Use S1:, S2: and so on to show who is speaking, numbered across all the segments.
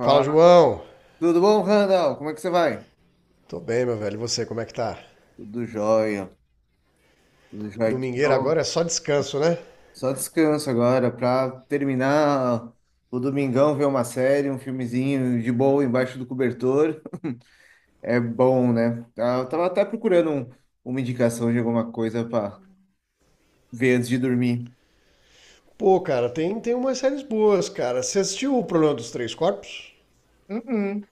S1: Fala, João.
S2: tudo bom, Randall? Como é que você vai?
S1: Tô bem, meu velho. E você, como é que tá?
S2: Tudo jóia, tudo jóia. Que
S1: Domingueira
S2: bom.
S1: agora é só descanso, né?
S2: Só descanso agora para terminar o domingão, ver uma série, um filmezinho de boa embaixo do cobertor. É bom, né? Ah, eu tava até procurando uma indicação de alguma coisa para ver antes de dormir.
S1: Pô, cara, tem umas séries boas, cara. Você assistiu o Problema dos Três Corpos?
S2: Uhum.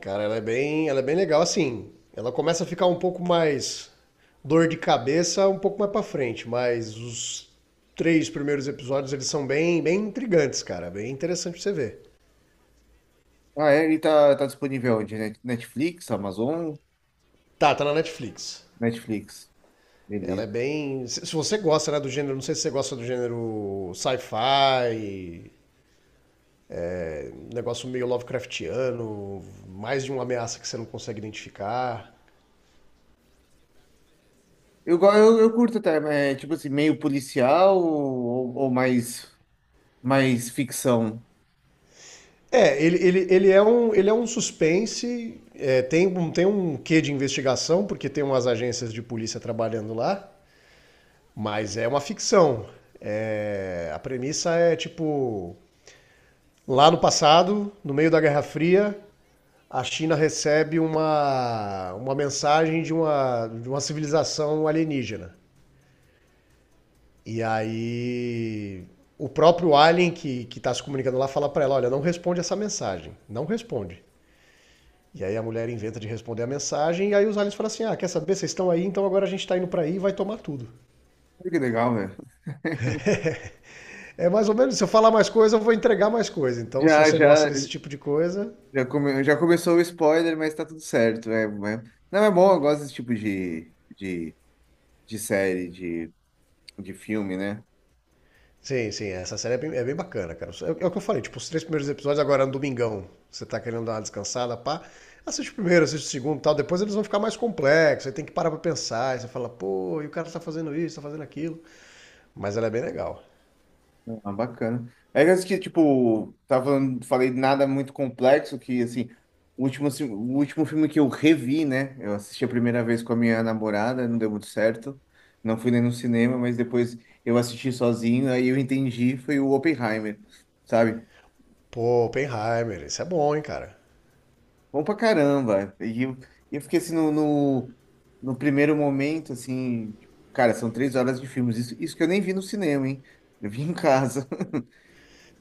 S1: Cara, ela é bem legal, assim. Ela começa a ficar um pouco mais dor de cabeça um pouco mais pra frente, mas os três primeiros episódios eles são bem, bem intrigantes, cara. Bem interessante pra você ver.
S2: Ah, é, ele tá disponível onde? Netflix, Amazon?
S1: Tá, tá na Netflix.
S2: Netflix.
S1: Ela é
S2: Beleza.
S1: bem. Se você gosta, né, do gênero, não sei se você gosta do gênero sci-fi, um negócio meio Lovecraftiano, mais de uma ameaça que você não consegue identificar.
S2: Eu curto até, mas é tipo assim, meio policial ou mais. Mas ficção.
S1: É, ele é um suspense, é, tem um quê de investigação, porque tem umas agências de polícia trabalhando lá, mas é uma ficção. É, a premissa é tipo: lá no passado, no meio da Guerra Fria, a China recebe uma mensagem de uma civilização alienígena. E aí o próprio alien que está se comunicando lá fala para ela, olha, não responde essa mensagem, não responde. E aí a mulher inventa de responder a mensagem e aí os aliens falam assim, ah, quer saber, vocês estão aí, então agora a gente está indo para aí e vai tomar tudo.
S2: Olha, que legal, velho.
S1: É mais ou menos, se eu falar mais coisa, eu vou entregar mais coisa. Então se
S2: Já,
S1: você gosta
S2: já,
S1: desse tipo de coisa...
S2: já começou o spoiler, mas tá tudo certo. Não, é bom, eu gosto desse tipo de série, de filme, né?
S1: Sim, sim, essa série é bem bacana, cara. É o que eu falei, tipo, os três primeiros episódios agora no domingão, você tá querendo dar uma descansada, pá, assiste o primeiro, assiste o segundo e tal, depois eles vão ficar mais complexos, aí tem que parar pra pensar, aí você fala, pô, e o cara tá fazendo isso, tá fazendo aquilo. Mas ela é bem legal.
S2: Ah, bacana. É que eu acho que, tipo, tava falando, falei nada muito complexo, que, assim, o último filme que eu revi, né? Eu assisti a primeira vez com a minha namorada, não deu muito certo. Não fui nem no cinema, mas depois eu assisti sozinho, aí eu entendi, foi o Oppenheimer, sabe?
S1: Pô, Oppenheimer, isso é bom, hein, cara.
S2: Bom pra caramba. E eu fiquei assim no primeiro momento, assim, tipo, cara, são 3 horas de filmes. Isso que eu nem vi no cinema, hein? Eu vi em casa.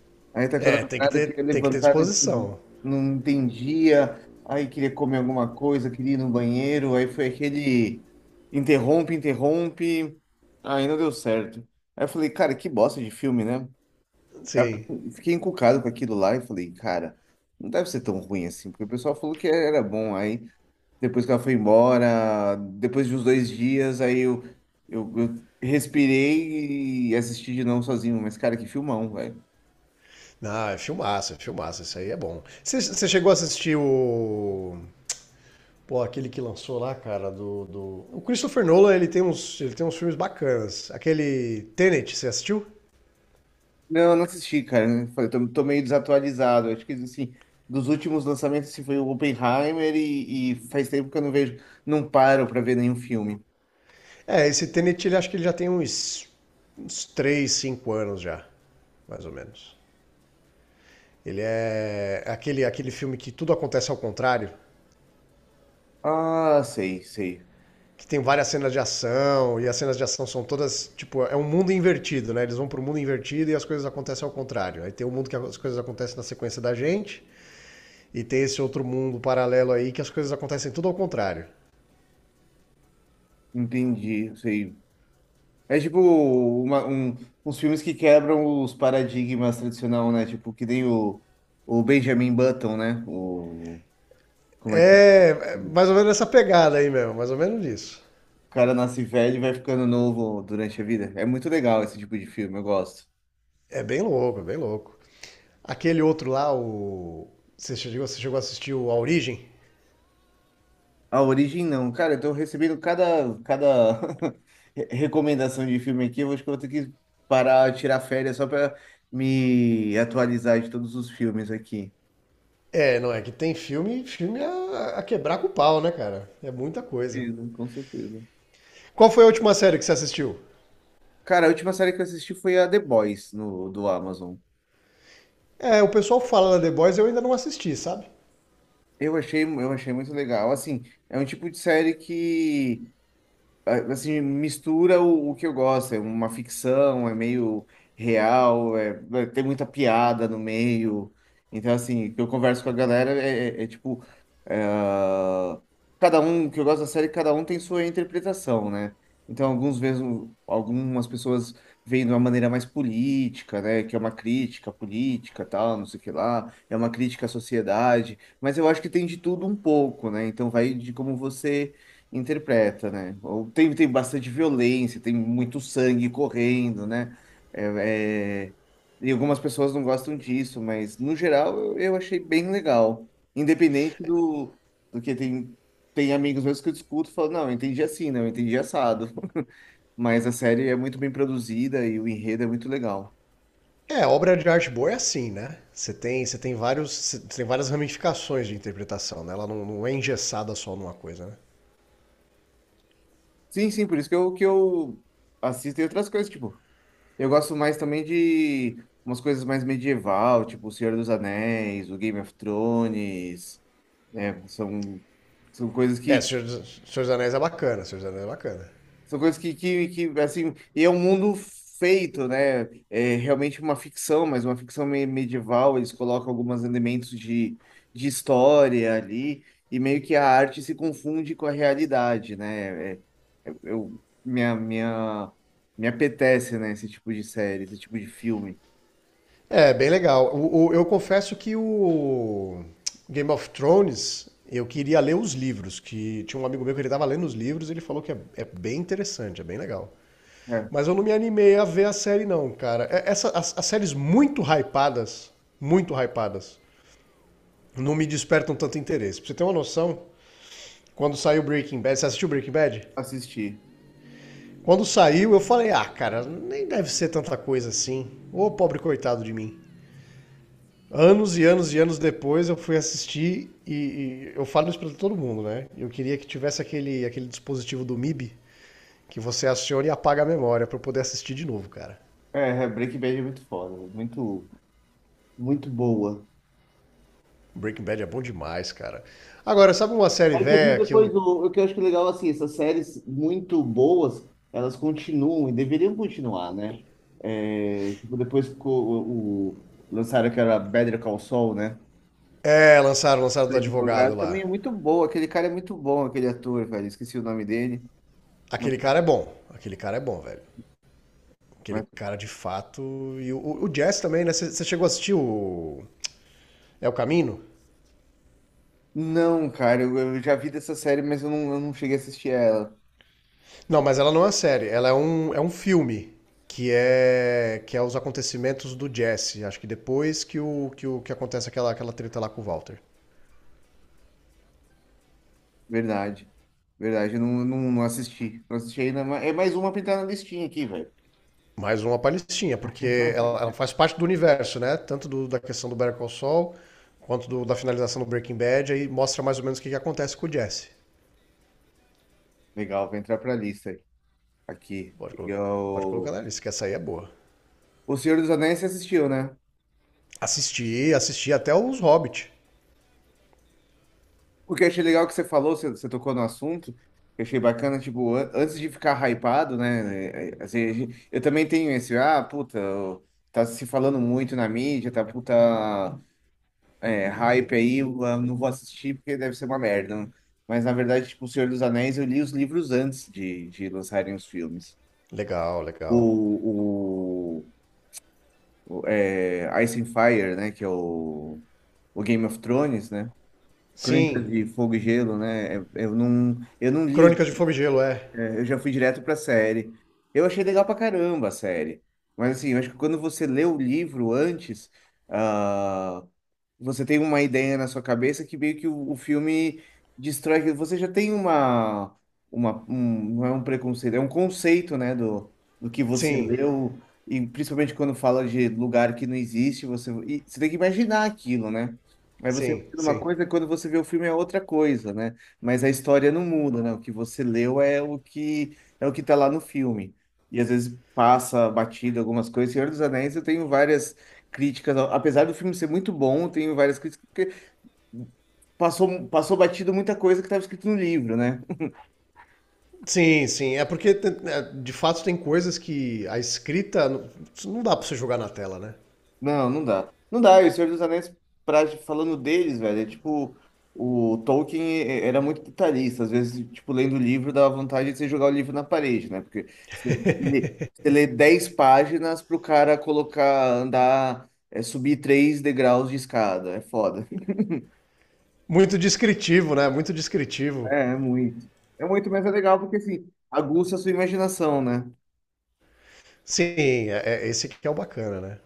S2: Aí tá com a
S1: É, tem que
S2: namorada que
S1: ter,
S2: ia
S1: tem que ter
S2: levantar,
S1: disposição.
S2: não entendia. Aí queria comer alguma coisa, queria ir no banheiro. Aí foi aquele interrompe, interrompe. Aí não deu certo. Aí eu falei, cara, que bosta de filme, né? Aí
S1: Sim.
S2: eu fiquei encucado com aquilo lá e falei, cara, não deve ser tão ruim assim, porque o pessoal falou que era bom. Aí. Depois que ela foi embora, depois de uns 2 dias, aí eu respirei e assisti de novo sozinho. Mas, cara, que filmão, velho.
S1: Não, é filmaço, isso aí é bom. Você chegou a assistir o... Pô, aquele que lançou lá, cara, do, do... O Christopher Nolan, ele tem uns, filmes bacanas. Aquele Tenet, você assistiu?
S2: Não, eu não assisti, cara. Eu falei, tô meio desatualizado. Acho que, assim, dos últimos lançamentos, assim, foi o Oppenheimer e faz tempo que eu não vejo, não paro pra ver nenhum filme.
S1: É, esse Tenet, ele acho que ele já tem uns 3 5 anos já, mais ou menos. Ele é aquele filme que tudo acontece ao contrário,
S2: Ah, sei, sei.
S1: que tem várias cenas de ação, e as cenas de ação são todas, tipo, é um mundo invertido, né? Eles vão pro mundo invertido e as coisas acontecem ao contrário. Aí tem o mundo que as coisas acontecem na sequência da gente, e tem esse outro mundo paralelo aí que as coisas acontecem tudo ao contrário.
S2: Entendi, sei. É tipo uns filmes que quebram os paradigmas tradicional, né? Tipo, que nem o Benjamin Button, né? O como é que é?
S1: É
S2: O
S1: mais ou menos essa pegada aí mesmo, mais ou menos isso.
S2: cara nasce velho e vai ficando novo durante a vida. É muito legal esse tipo de filme, eu gosto.
S1: É bem louco, é bem louco. Aquele outro lá, o... Você chegou a assistir o A Origem?
S2: A Origem não. Cara, eu tô recebendo cada recomendação de filme aqui. Eu acho que eu vou ter que parar, tirar férias só pra me atualizar de todos os filmes aqui.
S1: É, não é que tem filme, filme a quebrar com o pau, né, cara? É muita coisa.
S2: Sim, com certeza.
S1: Qual foi a última série que você assistiu?
S2: Cara, a última série que eu assisti foi a The Boys no, do Amazon.
S1: É, o pessoal fala da The Boys, eu ainda não assisti, sabe?
S2: Eu achei muito legal. Assim, é um tipo de série que assim, mistura o que eu gosto. É uma ficção, é meio real, tem muita piada no meio. Então, assim, o que eu converso com a galera é tipo. É, cada um, o que eu gosto da série, cada um tem sua interpretação, né? Então, alguns vezes, algumas pessoas veem de uma maneira mais política, né? Que é uma crítica política, tal, não sei o que lá. É uma crítica à sociedade. Mas eu acho que tem de tudo um pouco, né? Então, vai de como você interpreta, né? Ou tem, tem bastante violência, tem muito sangue correndo, né? É, é, e algumas pessoas não gostam disso, mas no geral eu achei bem legal. Independente do, do que tem, tem amigos meus que eu discuto e falo, não, eu entendi assim, não, eu entendi assado. Mas a série é muito bem produzida e o enredo é muito legal.
S1: É, obra de arte boa é assim, né? Você tem várias ramificações de interpretação, né? Ela não é engessada só numa coisa, né?
S2: Sim, sim, por isso que eu assisto e outras coisas, tipo. Eu gosto mais também de umas coisas mais medieval, tipo O Senhor dos Anéis, o Game of Thrones, né? São, são coisas
S1: É,
S2: que
S1: Senhor dos Anéis é bacana, Senhor dos Anéis é bacana.
S2: são coisas que assim, e é um mundo feito, né? É realmente uma ficção, mas uma ficção medieval, eles colocam alguns elementos de história ali e meio que a arte se confunde com a realidade, né? É- é- eu minha minha me apetece, né, esse tipo de série, esse tipo de filme.
S1: É, bem legal. Eu confesso que o Game of Thrones, eu queria ler os livros, que tinha um amigo meu que ele tava lendo os livros e ele falou que é bem interessante, é bem legal.
S2: É,
S1: Mas eu não me animei a ver a série não, cara. As séries muito hypadas, não me despertam tanto interesse. Pra você ter uma noção, quando saiu Breaking Bad, você assistiu Breaking Bad?
S2: assisti.
S1: Quando saiu, eu falei, ah, cara, nem deve ser tanta coisa assim. Ô, pobre coitado de mim. Anos e anos e anos depois eu fui assistir e eu falo isso pra todo mundo, né? Eu queria que tivesse aquele, dispositivo do MIB que você aciona e apaga a memória pra eu poder assistir de novo, cara.
S2: É, é, Breaking Bad é muito foda, é muito, muito boa.
S1: Breaking Bad é bom demais, cara. Agora, sabe uma série
S2: Aí você viu
S1: velha que eu...
S2: depois o que eu acho que é legal, assim, essas séries muito boas, elas continuam e deveriam continuar, né? É, tipo, depois que lançaram que era Better Call Saul, né?
S1: É, lançaram
S2: O
S1: do advogado
S2: advogado
S1: lá.
S2: também é muito bom, aquele cara é muito bom, aquele ator, velho, esqueci o nome dele. Mas,
S1: Aquele cara é bom. Aquele cara é bom, velho. Aquele
S2: mas-
S1: cara de fato. E o Jazz também, né? Você chegou a assistir o... É o Caminho?
S2: Não, cara, eu já vi dessa série, mas eu não cheguei a assistir ela.
S1: Não, mas ela não é uma série, ela é um filme que é os acontecimentos do Jesse, acho que depois que acontece aquela treta lá com o Walter.
S2: Verdade. Verdade, eu não assisti. Não assisti ainda, mas é mais uma pra entrar na listinha aqui, velho.
S1: Mais uma palestinha, porque ela faz parte do universo, né? Tanto da questão do Better Call Saul, quanto da finalização do Breaking Bad, aí mostra mais ou menos o que acontece com o Jesse.
S2: Legal, vai entrar pra lista aí. Aqui.
S1: Pode, colo- Pode colocar
S2: Eu...
S1: na lista, que essa aí é boa.
S2: O Senhor dos Anéis você assistiu, né?
S1: Assisti até os Hobbit.
S2: O que eu achei legal que você falou, você tocou no assunto, eu achei bacana, tipo, antes de ficar hypado, né? Assim, eu também tenho esse, ah, puta, tá se falando muito na mídia, tá puta. É, hype aí, eu, ah, não vou assistir porque deve ser uma merda, né? Mas na verdade, tipo, O Senhor dos Anéis, eu li os livros antes de lançarem os filmes.
S1: Legal,
S2: O,
S1: legal.
S2: o, Ice and Fire, né? Que é o Game of Thrones, né? Crônicas
S1: Sim.
S2: de Fogo e Gelo, né? Eu não li,
S1: Crônicas de Fogo e Gelo, é.
S2: eu já fui direto pra série. Eu achei legal pra caramba a série. Mas assim, eu acho que quando você lê o livro antes. Ah, você tem uma ideia na sua cabeça que meio que o filme destrói. Você já tem não é um preconceito, é um conceito, né, do que você
S1: Sim,
S2: leu, e principalmente quando fala de lugar que não existe, você, e você tem que imaginar aquilo, né? Aí você
S1: sim,
S2: imagina uma
S1: sim.
S2: coisa, quando você vê o filme é outra coisa, né? Mas a história não muda, né? O que você leu é o que tá lá no filme. E às vezes passa batido algumas coisas. Senhor dos Anéis, eu tenho várias críticas, apesar do filme ser muito bom, tem várias críticas, porque passou, passou batido muita coisa que estava escrito no livro, né?
S1: Sim, sim. É porque, de fato, tem coisas que a escrita não dá pra você jogar na tela, né?
S2: Não, não dá. Não dá, e o Senhor dos Anéis, pra, falando deles, velho, é tipo, o Tolkien era muito detalhista, às vezes, tipo, lendo o livro dava vontade de você jogar o livro na parede, né? Porque você lê, você lê 10 páginas pro cara colocar, andar, é, subir 3 degraus de escada, é foda.
S1: Muito descritivo, né? Muito descritivo.
S2: É, é muito. É muito, mas é legal porque, assim, aguça a sua imaginação, né?
S1: Sim, esse que é o bacana, né?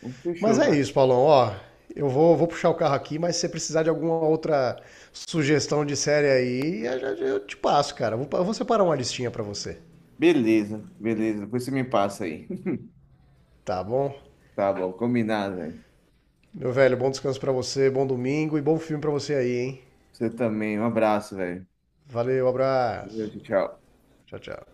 S2: Então,
S1: Mas
S2: fechou,
S1: é
S2: cara.
S1: isso, Paulão. Ó, eu vou puxar o carro aqui, mas se você precisar de alguma outra sugestão de série aí, eu te passo, cara. Eu vou separar uma listinha pra você.
S2: Beleza, beleza. Depois você me passa aí.
S1: Tá bom?
S2: Tá bom, combinado, velho.
S1: Meu velho, bom descanso pra você, bom domingo e bom filme pra você aí, hein?
S2: Você também. Um abraço, velho.
S1: Valeu,
S2: Valeu,
S1: abraço.
S2: tchau. Tchau.
S1: Tchau, tchau.